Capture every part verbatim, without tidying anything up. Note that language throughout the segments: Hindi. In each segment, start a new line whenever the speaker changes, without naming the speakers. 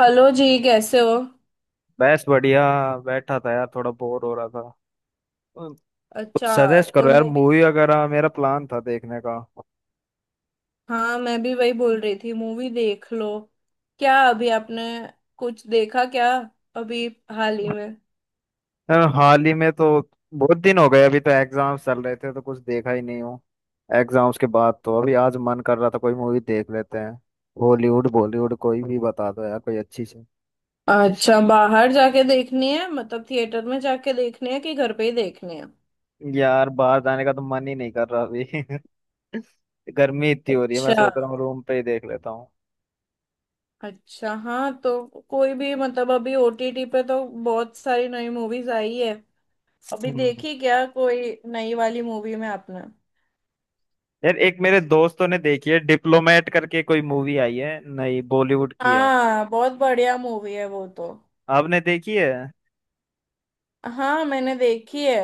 हेलो जी, कैसे हो।
बस बढ़िया। बैठा था यार, थोड़ा बोर हो रहा था। कुछ
अच्छा,
सजेस्ट
तो
करो यार,
मूवी।
मूवी वगैरह मेरा प्लान था देखने का।
हाँ, मैं भी वही बोल रही थी, मूवी देख लो। क्या अभी आपने कुछ देखा क्या, अभी, हाल ही में?
यार हाल ही में तो बहुत दिन हो गए, अभी तो एग्जाम्स चल रहे थे तो कुछ देखा ही नहीं हूँ। एग्जाम्स के बाद तो अभी आज मन कर रहा था कोई मूवी देख लेते हैं। हॉलीवुड बॉलीवुड कोई भी बता दो यार, कोई अच्छी सी।
अच्छा, बाहर जाके देखनी है मतलब थिएटर में जाके देखनी है कि घर पे ही देखनी है?
यार बाहर जाने का तो मन ही नहीं कर रहा अभी। गर्मी इतनी हो रही है, मैं
अच्छा।
सोच रहा हूँ रूम पे ही देख लेता हूँ।
अच्छा, हाँ तो कोई भी मतलब अभी ओटीटी पे तो बहुत सारी नई मूवीज आई है। अभी
हम्म।
देखी क्या कोई नई वाली मूवी में आपने?
यार एक मेरे दोस्तों ने देखी है, डिप्लोमेट करके कोई मूवी आई है, नहीं बॉलीवुड की है।
हाँ, बहुत बढ़िया मूवी है वो तो।
आपने देखी है?
हाँ, मैंने देखी है।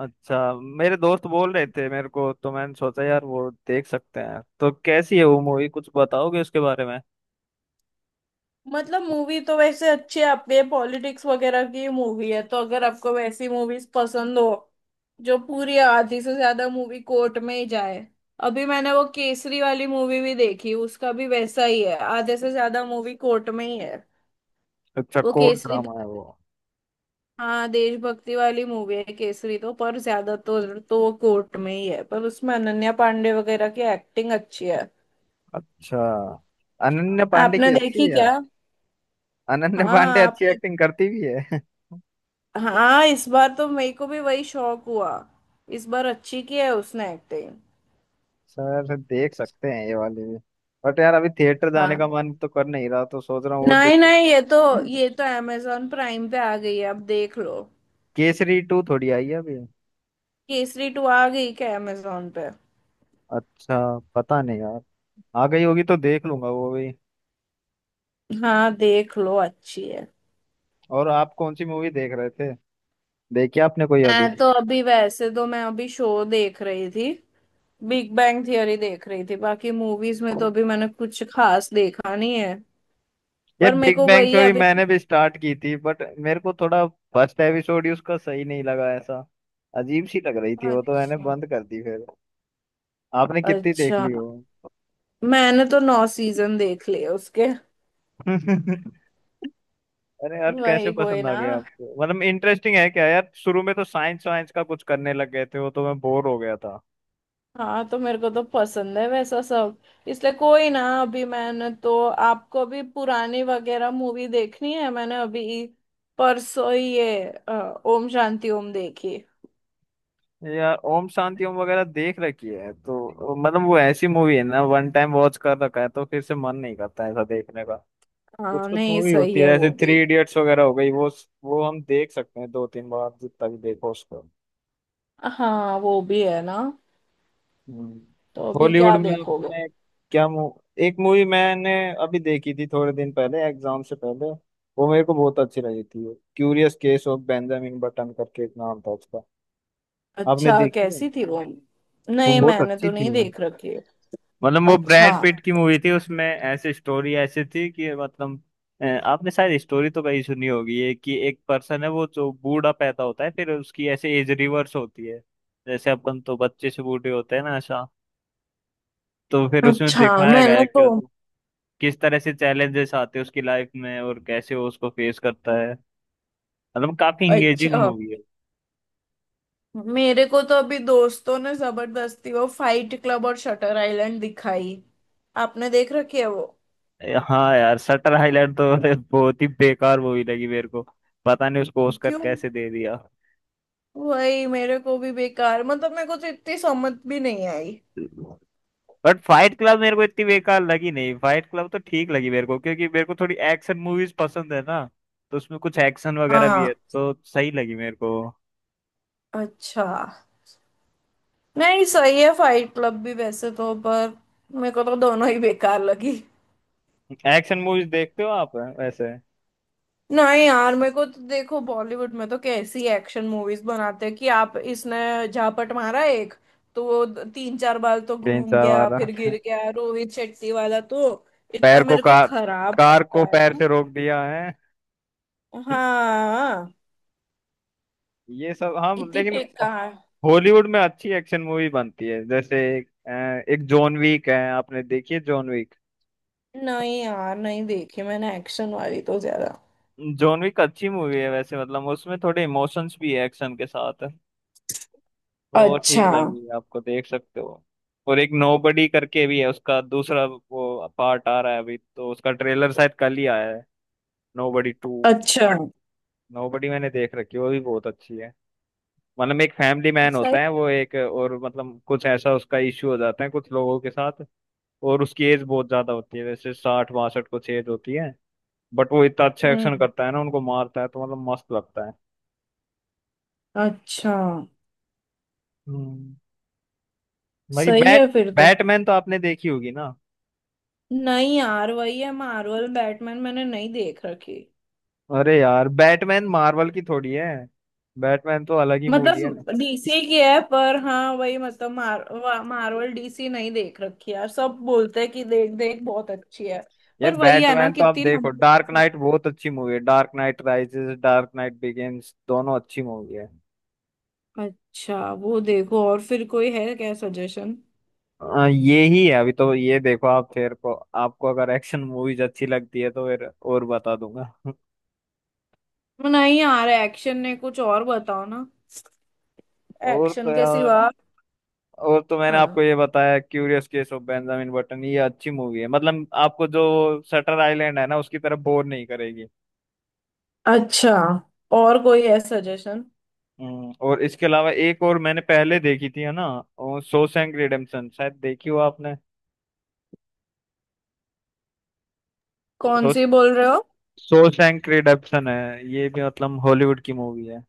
अच्छा। मेरे दोस्त बोल रहे थे मेरे को, तो मैंने सोचा यार वो देख सकते हैं। तो कैसी है वो मूवी, कुछ बताओगे उसके बारे में?
मतलब मूवी तो वैसे अच्छी है, आपके पॉलिटिक्स वगैरह की मूवी है तो अगर आपको वैसी मूवीज पसंद हो। जो पूरी आधी से ज्यादा मूवी कोर्ट में ही जाए। अभी मैंने वो केसरी वाली मूवी भी देखी, उसका भी वैसा ही है, आधे से ज्यादा मूवी कोर्ट में ही है।
अच्छा,
वो
कोर्ट
केसरी
ड्रामा
तो
है वो?
हाँ, देशभक्ति वाली मूवी है केसरी तो, पर ज्यादा तो तो वो कोर्ट में ही है, पर उसमें अनन्या पांडे वगैरह की एक्टिंग अच्छी है।
अच्छा। अनन्या पांडे
आपने
की अच्छी
देखी
है यार?
क्या?
अनन्या पांडे
हाँ,
अच्छी
आपने।
एक्टिंग करती भी है।
हाँ, इस बार तो मेरे को भी वही शौक हुआ। इस बार अच्छी की है उसने एक्टिंग।
सर, देख सकते हैं ये वाली भी। बट यार अभी थिएटर जाने का
हाँ,
मन तो कर नहीं रहा, तो सोच रहा हूँ वो
नहीं
डिप
नहीं, ये तो। ये तो अमेजोन प्राइम पे आ गई है, अब देख लो।
केसरी टू थोड़ी आई है अभी?
केसरी टू आ गई क्या अमेजोन पे?
अच्छा, पता नहीं यार। आ गई होगी तो देख लूंगा वो भी।
हाँ देख लो, अच्छी है।
और आप कौन सी मूवी देख रहे थे? देखी आपने कोई अभी?
मैं तो अभी वैसे तो मैं अभी शो देख रही थी। बिग बैंग थियरी देख रही थी, बाकी मूवीज में तो अभी मैंने कुछ खास देखा नहीं है।
ये
पर मेरे
बिग
को
बैंग
वही है
थ्योरी
अभी।
मैंने भी स्टार्ट की थी, बट मेरे को थोड़ा फर्स्ट एपिसोड ही उसका सही नहीं लगा, ऐसा अजीब सी लग रही थी वो, तो मैंने
अच्छा।
बंद कर दी फिर। आपने कितनी देख
अच्छा,
ली वो?
मैंने तो नौ सीजन देख लिए उसके।
अरे यार, कैसे
वही, कोई
पसंद आ
ना।
गया आपको? मतलब इंटरेस्टिंग है क्या यार? शुरू में तो साइंस वाइंस का कुछ करने लग गए थे, वो तो मैं बोर हो गया था।
हाँ तो मेरे को तो पसंद है वैसा सब। इसलिए, कोई ना, अभी मैंने तो आपको भी पुरानी वगैरह मूवी देखनी है। मैंने अभी परसों ही ये अ, ओम शांति ओम देखी।
यार ओम शांति ओम वगैरह देख रखी है तो मतलब, वो ऐसी मूवी है ना, वन टाइम वॉच कर रखा है तो फिर से मन नहीं करता ऐसा देखने का। कुछ
हाँ,
कुछ
नहीं
मूवी
सही
होती
है
है
वो
जैसे
भी।
थ्री इडियट्स वगैरह हो गई वो। वो हम देख सकते हैं दो तीन बार, जितना भी देखो उसको।
हाँ वो भी है ना।
हम्म।
तो अभी
हॉलीवुड
क्या
में
देखोगे?
आपने? क्या मू... एक मूवी मैंने अभी देखी थी थोड़े दिन पहले, एग्जाम से पहले। वो मेरे को बहुत अच्छी लगी थी, Curious Case of Benjamin Button करके एक नाम था उसका। आपने
अच्छा,
देखी है?
कैसी थी वो?
वो
नहीं,
बहुत
मैंने
अच्छी
तो
थी
नहीं
वो।
देख रखी है।
मतलब वो
अच्छा।
ब्रैड पिट की मूवी थी, उसमें ऐसी स्टोरी ऐसी थी कि मतलब, अ, आपने शायद स्टोरी तो कहीं सुनी होगी, ये कि एक पर्सन है वो जो बूढ़ा पैदा होता है, फिर उसकी ऐसे एज रिवर्स होती है। जैसे अपन तो बच्चे से बूढ़े होते हैं ना, ऐसा। तो फिर उसमें
अच्छा।
दिखाया गया
मैंने
है
तो
कि किस तरह से चैलेंजेस आते हैं उसकी लाइफ में, और कैसे वो उसको फेस करता है। मतलब काफी इंगेजिंग
अच्छा
मूवी है।
मेरे को तो अभी दोस्तों ने जबरदस्ती वो फाइट क्लब और शटर आइलैंड दिखाई। आपने देख रखी है वो?
ए, हाँ यार, शटर आइलैंड तो बहुत ही बेकार मूवी लगी मेरे को। पता नहीं उसको ऑस्कर
क्यों?
कैसे दे दिया।
वही मेरे को भी बेकार, मतलब मेरे को तो इतनी समझ भी नहीं आई।
बट फाइट क्लब मेरे को इतनी बेकार लगी नहीं, फाइट क्लब तो ठीक लगी मेरे को, क्योंकि मेरे को थोड़ी एक्शन मूवीज पसंद है ना। तो उसमें कुछ एक्शन वगैरह भी है
हाँ।
तो सही लगी मेरे को।
अच्छा। नहीं सही है फाइट क्लब भी वैसे तो, पर मेरे को तो दोनों ही बेकार लगी।
एक्शन मूवीज देखते हो आप वैसे?
नहीं यार, मेरे को तो देखो बॉलीवुड में तो कैसी एक्शन मूवीज बनाते हैं कि आप, इसने झापट मारा एक, तो वो द- तीन चार बार तो
तीन
घूम
चार
गया
वाला।
फिर गिर गया, रोहित शेट्टी वाला तो। इतना
पैर को
मेरे को
कार
खराब
कार
लगता
को
है
पैर
ना।
से रोक दिया है।
हाँ।
ये सब, हाँ
इतनी
लेकिन
बेकार।
हॉलीवुड में अच्छी एक्शन मूवी बनती है, जैसे एक, अ, एक जॉन विक है। आपने देखी है जॉन विक?
नहीं यार, नहीं देखी मैंने एक्शन वाली तो ज्यादा।
जॉन विक अच्छी मूवी है वैसे, मतलब उसमें थोड़े इमोशंस भी है एक्शन के साथ। वो ठीक
अच्छा।
लगेगी आपको, देख सकते हो। और एक नोबडी करके भी है, उसका दूसरा वो पार्ट आ रहा है अभी, तो उसका ट्रेलर शायद कल ही आया है। Nobody two.
अच्छा।
नोबडी मैंने देख रखी है, वो भी बहुत अच्छी है। मतलब एक फैमिली मैन
सही।
होता है वो, एक और मतलब कुछ ऐसा उसका इश्यू हो जाता है कुछ लोगों के साथ। और उसकी एज बहुत ज्यादा होती है, जैसे साठ बासठ कुछ एज होती है। बट वो इतना अच्छा एक्शन
हम्म।
करता है ना, उनको मारता है तो मतलब मस्त लगता है।
अच्छा।
हम्म। बाकी,
सही
बैट
है फिर तो।
बैटमैन तो आपने देखी होगी ना?
नहीं यार, वही है, मार्वल बैटमैन मैंने नहीं देख रखी।
अरे यार, बैटमैन मार्वल की थोड़ी है। बैटमैन तो अलग ही मूवी है।
मतलब डीसी की है, पर हाँ वही मतलब मार, वा- मार्वल डीसी नहीं देख रखी है यार, सब बोलते हैं कि देख देख बहुत अच्छी है।
यार
पर वही है ना,
बैटमैन तो आप
कितनी
देखो,
लंबी है
डार्क
सब।
नाइट बहुत अच्छी मूवी है, Dark Knight Rises, Dark Knight Begins, दोनों अच्छी मूवी है।
अच्छा, वो देखो। और फिर कोई है क्या सजेशन?
आ, ये ही है अभी तो, ये देखो आप फिर को। आपको अगर एक्शन मूवीज अच्छी लगती है तो फिर और बता दूंगा।
नहीं यार, एक्शन ने कुछ और बताओ ना,
और तो
एक्शन के
यार,
सिवा।
और तो मैंने आपको
हाँ।
ये बताया Curious Case of Benjamin Button, ये अच्छी मूवी है, मतलब आपको जो शटर आइलैंड है ना उसकी तरफ बोर नहीं करेगी।
अच्छा, और कोई है सजेशन?
हम्म, और इसके अलावा एक और मैंने पहले देखी थी है ना, और शॉशैंक रिडेम्पशन शायद देखी हो आपने?
कौन
शॉश
सी बोल रहे हो?
शॉशैंक रिडेम्पशन है ये भी, मतलब हॉलीवुड की मूवी है।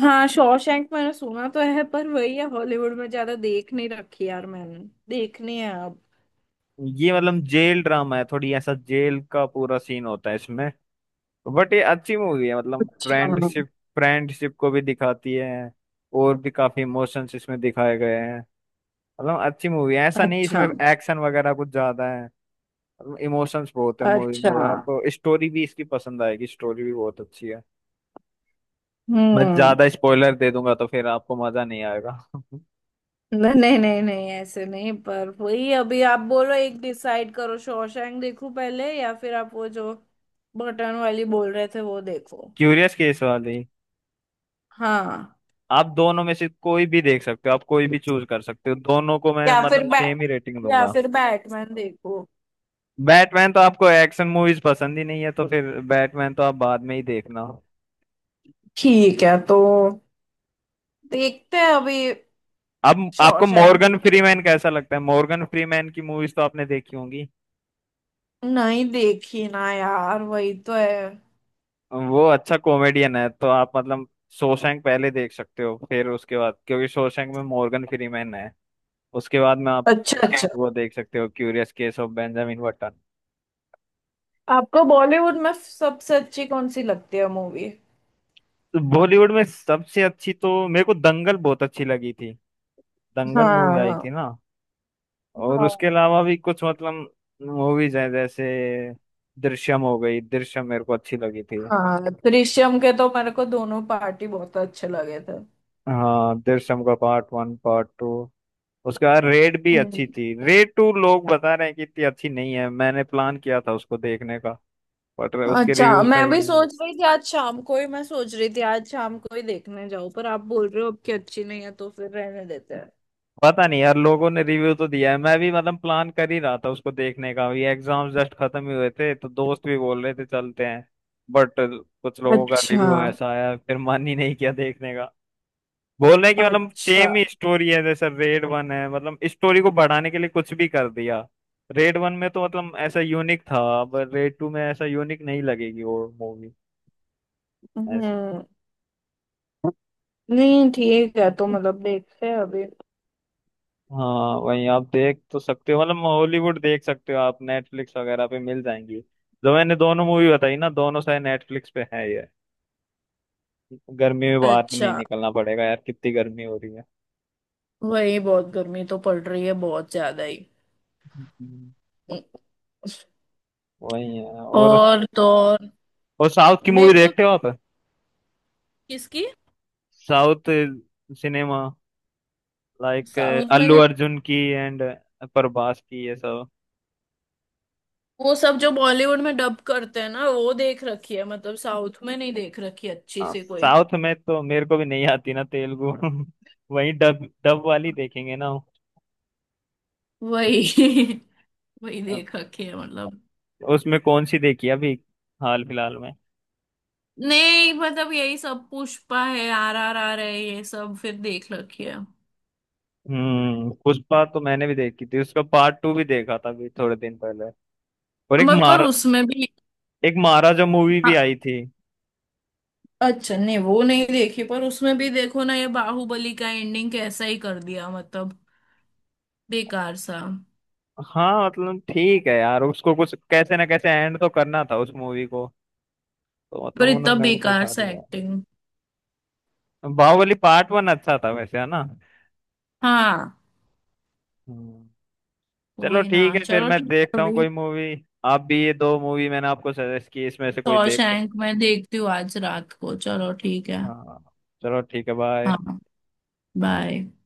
हाँ, शॉशैंक मैंने सुना तो है, पर वही है, हॉलीवुड में ज्यादा देख नहीं रखी यार मैंने। देखनी है अब।
ये मतलब जेल ड्रामा है थोड़ी, ऐसा जेल का पूरा सीन होता है इसमें। बट ये अच्छी मूवी है, मतलब
अच्छा।
फ्रेंडशिप फ्रेंडशिप को भी दिखाती है। और भी काफी इमोशंस इसमें दिखाए गए हैं। मतलब अच्छी मूवी है, ऐसा नहीं इसमें
अच्छा।
एक्शन वगैरह कुछ ज्यादा है। मतलब इमोशंस बहुत है मूवी में,
अच्छा।
और आपको स्टोरी भी इसकी पसंद आएगी, स्टोरी भी बहुत अच्छी है। मैं
हम्म।
ज्यादा स्पॉइलर दे दूंगा तो फिर आपको मजा नहीं आएगा।
नहीं नहीं नहीं नहीं, ऐसे नहीं, पर वही अभी आप बोलो, एक डिसाइड करो, शॉशैंक देखूं पहले या फिर आप वो जो बटन वाली बोल रहे थे वो देखो?
क्यूरियस केस वाली।
हाँ।
आप दोनों में से कोई भी देख सकते हो, आप कोई भी चूज कर सकते हो, दोनों को मैं
या फिर
मतलब
बैट
सेम ही रेटिंग
या
दूंगा।
फिर बैटमैन देखो।
बैटमैन तो आपको एक्शन मूवीज पसंद ही नहीं है तो फिर, बैटमैन तो आप बाद में ही देखना।
ठीक है तो, देखते हैं अभी।
अब आपको
शॉशैंक
मॉर्गन
देखते।
फ्रीमैन कैसा लगता है? मॉर्गन फ्रीमैन की मूवीज तो आपने देखी होंगी।
नहीं देखी ना यार, वही तो है।
वो अच्छा कॉमेडियन है, तो आप मतलब शोशैंक पहले देख सकते हो, फिर उसके बाद क्योंकि शोशैंक में मॉर्गन फ्रीमैन है उसके बाद में
अच्छा अच्छा।
वो देख सकते हो Curious Case of Benjamin Button.
आपको बॉलीवुड में सबसे अच्छी कौन सी लगती है मूवी?
बॉलीवुड में सबसे अच्छी तो मेरे को दंगल बहुत अच्छी लगी थी। दंगल मूवी आई
हाँ।
थी ना? और उसके
हाँ।
अलावा भी कुछ मतलब मूवीज हैं, जैसे दृश्यम हो गई, दृश्यम मेरे को अच्छी लगी थी।
हाँ, दृश्यम के तो मेरे को दोनों पार्टी बहुत अच्छे लगे थे।
हाँ, दृश्यम का पार्ट वन, पार्ट टू। उसके बाद रेड भी
हम्म।
अच्छी थी। रेड टू लोग बता रहे हैं कि इतनी अच्छी नहीं है, मैंने प्लान किया था उसको देखने का, बट उसके
अच्छा,
रिव्यू
मैं
सही
भी
नहीं।
सोच रही थी आज शाम को ही, मैं सोच रही थी आज शाम को ही देखने जाऊं, पर आप बोल रहे हो अब की अच्छी नहीं है तो फिर रहने देते हैं।
पता नहीं यार, लोगों ने रिव्यू तो दिया है, मैं भी मतलब प्लान कर ही रहा था उसको देखने का, ये एग्जाम जस्ट खत्म ही हुए थे तो दोस्त भी बोल रहे थे चलते हैं। बट कुछ लोगों का
अच्छा।
रिव्यू ऐसा आया, फिर मन ही नहीं किया देखने का। बोल रहे हैं कि मतलब
अच्छा।
सेम ही स्टोरी है जैसे रेड वन है, मतलब स्टोरी को बढ़ाने के लिए कुछ भी कर दिया। रेड वन में तो मतलब ऐसा यूनिक था, अब रेड टू में ऐसा यूनिक नहीं लगेगी वो मूवी, ऐसी।
हम्म। नहीं ठीक है, तो मतलब देखते हैं अभी।
हाँ वही, आप देख तो सकते हो मतलब, हॉलीवुड देख सकते हो आप, नेटफ्लिक्स वगैरह पे मिल जाएंगी। जो मैंने दोनों मूवी बताई ना, दोनों शायद नेटफ्लिक्स पे है ये। गर्मी में बाहर भी
अच्छा।
नहीं निकलना पड़ेगा, यार कितनी गर्मी हो रही है।
वही बहुत गर्मी तो पड़ रही है, बहुत ज्यादा ही।
हम्म। वही है और
और तो और।
और साउथ की मूवी
मेरे को।
देखते हो आप?
किसकी?
साउथ सिनेमा, लाइक
साउथ में
अल्लू
नहीं।
अर्जुन की एंड प्रभास की ये सब।
वो सब जो बॉलीवुड में डब करते हैं ना वो देख रखी है, मतलब साउथ में नहीं देख रखी अच्छी
हाँ,
से कोई।
साउथ में तो मेरे को भी नहीं आती ना तेलुगु। वही डब डब वाली देखेंगे ना।
वही वही देख रखी है मतलब।
उसमें कौन सी देखी अभी, हाल फिलहाल में?
नहीं मतलब, यही सब पुष्पा है, आर आर आर है, ये सब फिर देख रखी है।
हम्म पुष्पा तो मैंने भी देखी थी, उसका पार्ट टू भी देखा था अभी थोड़े दिन पहले। और एक
मत पर
मार
उसमें भी।
एक महाराजा मूवी भी
हाँ।
आई थी।
अच्छा नहीं, वो नहीं देखी, पर उसमें भी देखो ना ये बाहुबली का एंडिंग कैसा ही कर दिया मतलब, बेकार सा।
हाँ, मतलब ठीक है यार, उसको कुछ कैसे ना कैसे एंड तो करना था उस मूवी को, तो मतलब
पर इतना
उन्होंने वो
बेकार
दिखा
सा
दिया।
एक्टिंग।
बाहुबली पार्ट वन अच्छा था वैसे, है ना?
हाँ।
हम्म। चलो
वही ना।
ठीक है, फिर
चलो
मैं
ठीक है
देखता हूँ
अभी।
कोई मूवी। आप भी, ये दो मूवी मैंने आपको सजेस्ट की इसमें से कोई देख सकते।
शॉशैंक मैं देखती हूँ आज रात को, चलो ठीक है।
हाँ, चलो ठीक है, बाय।
हाँ। बाय।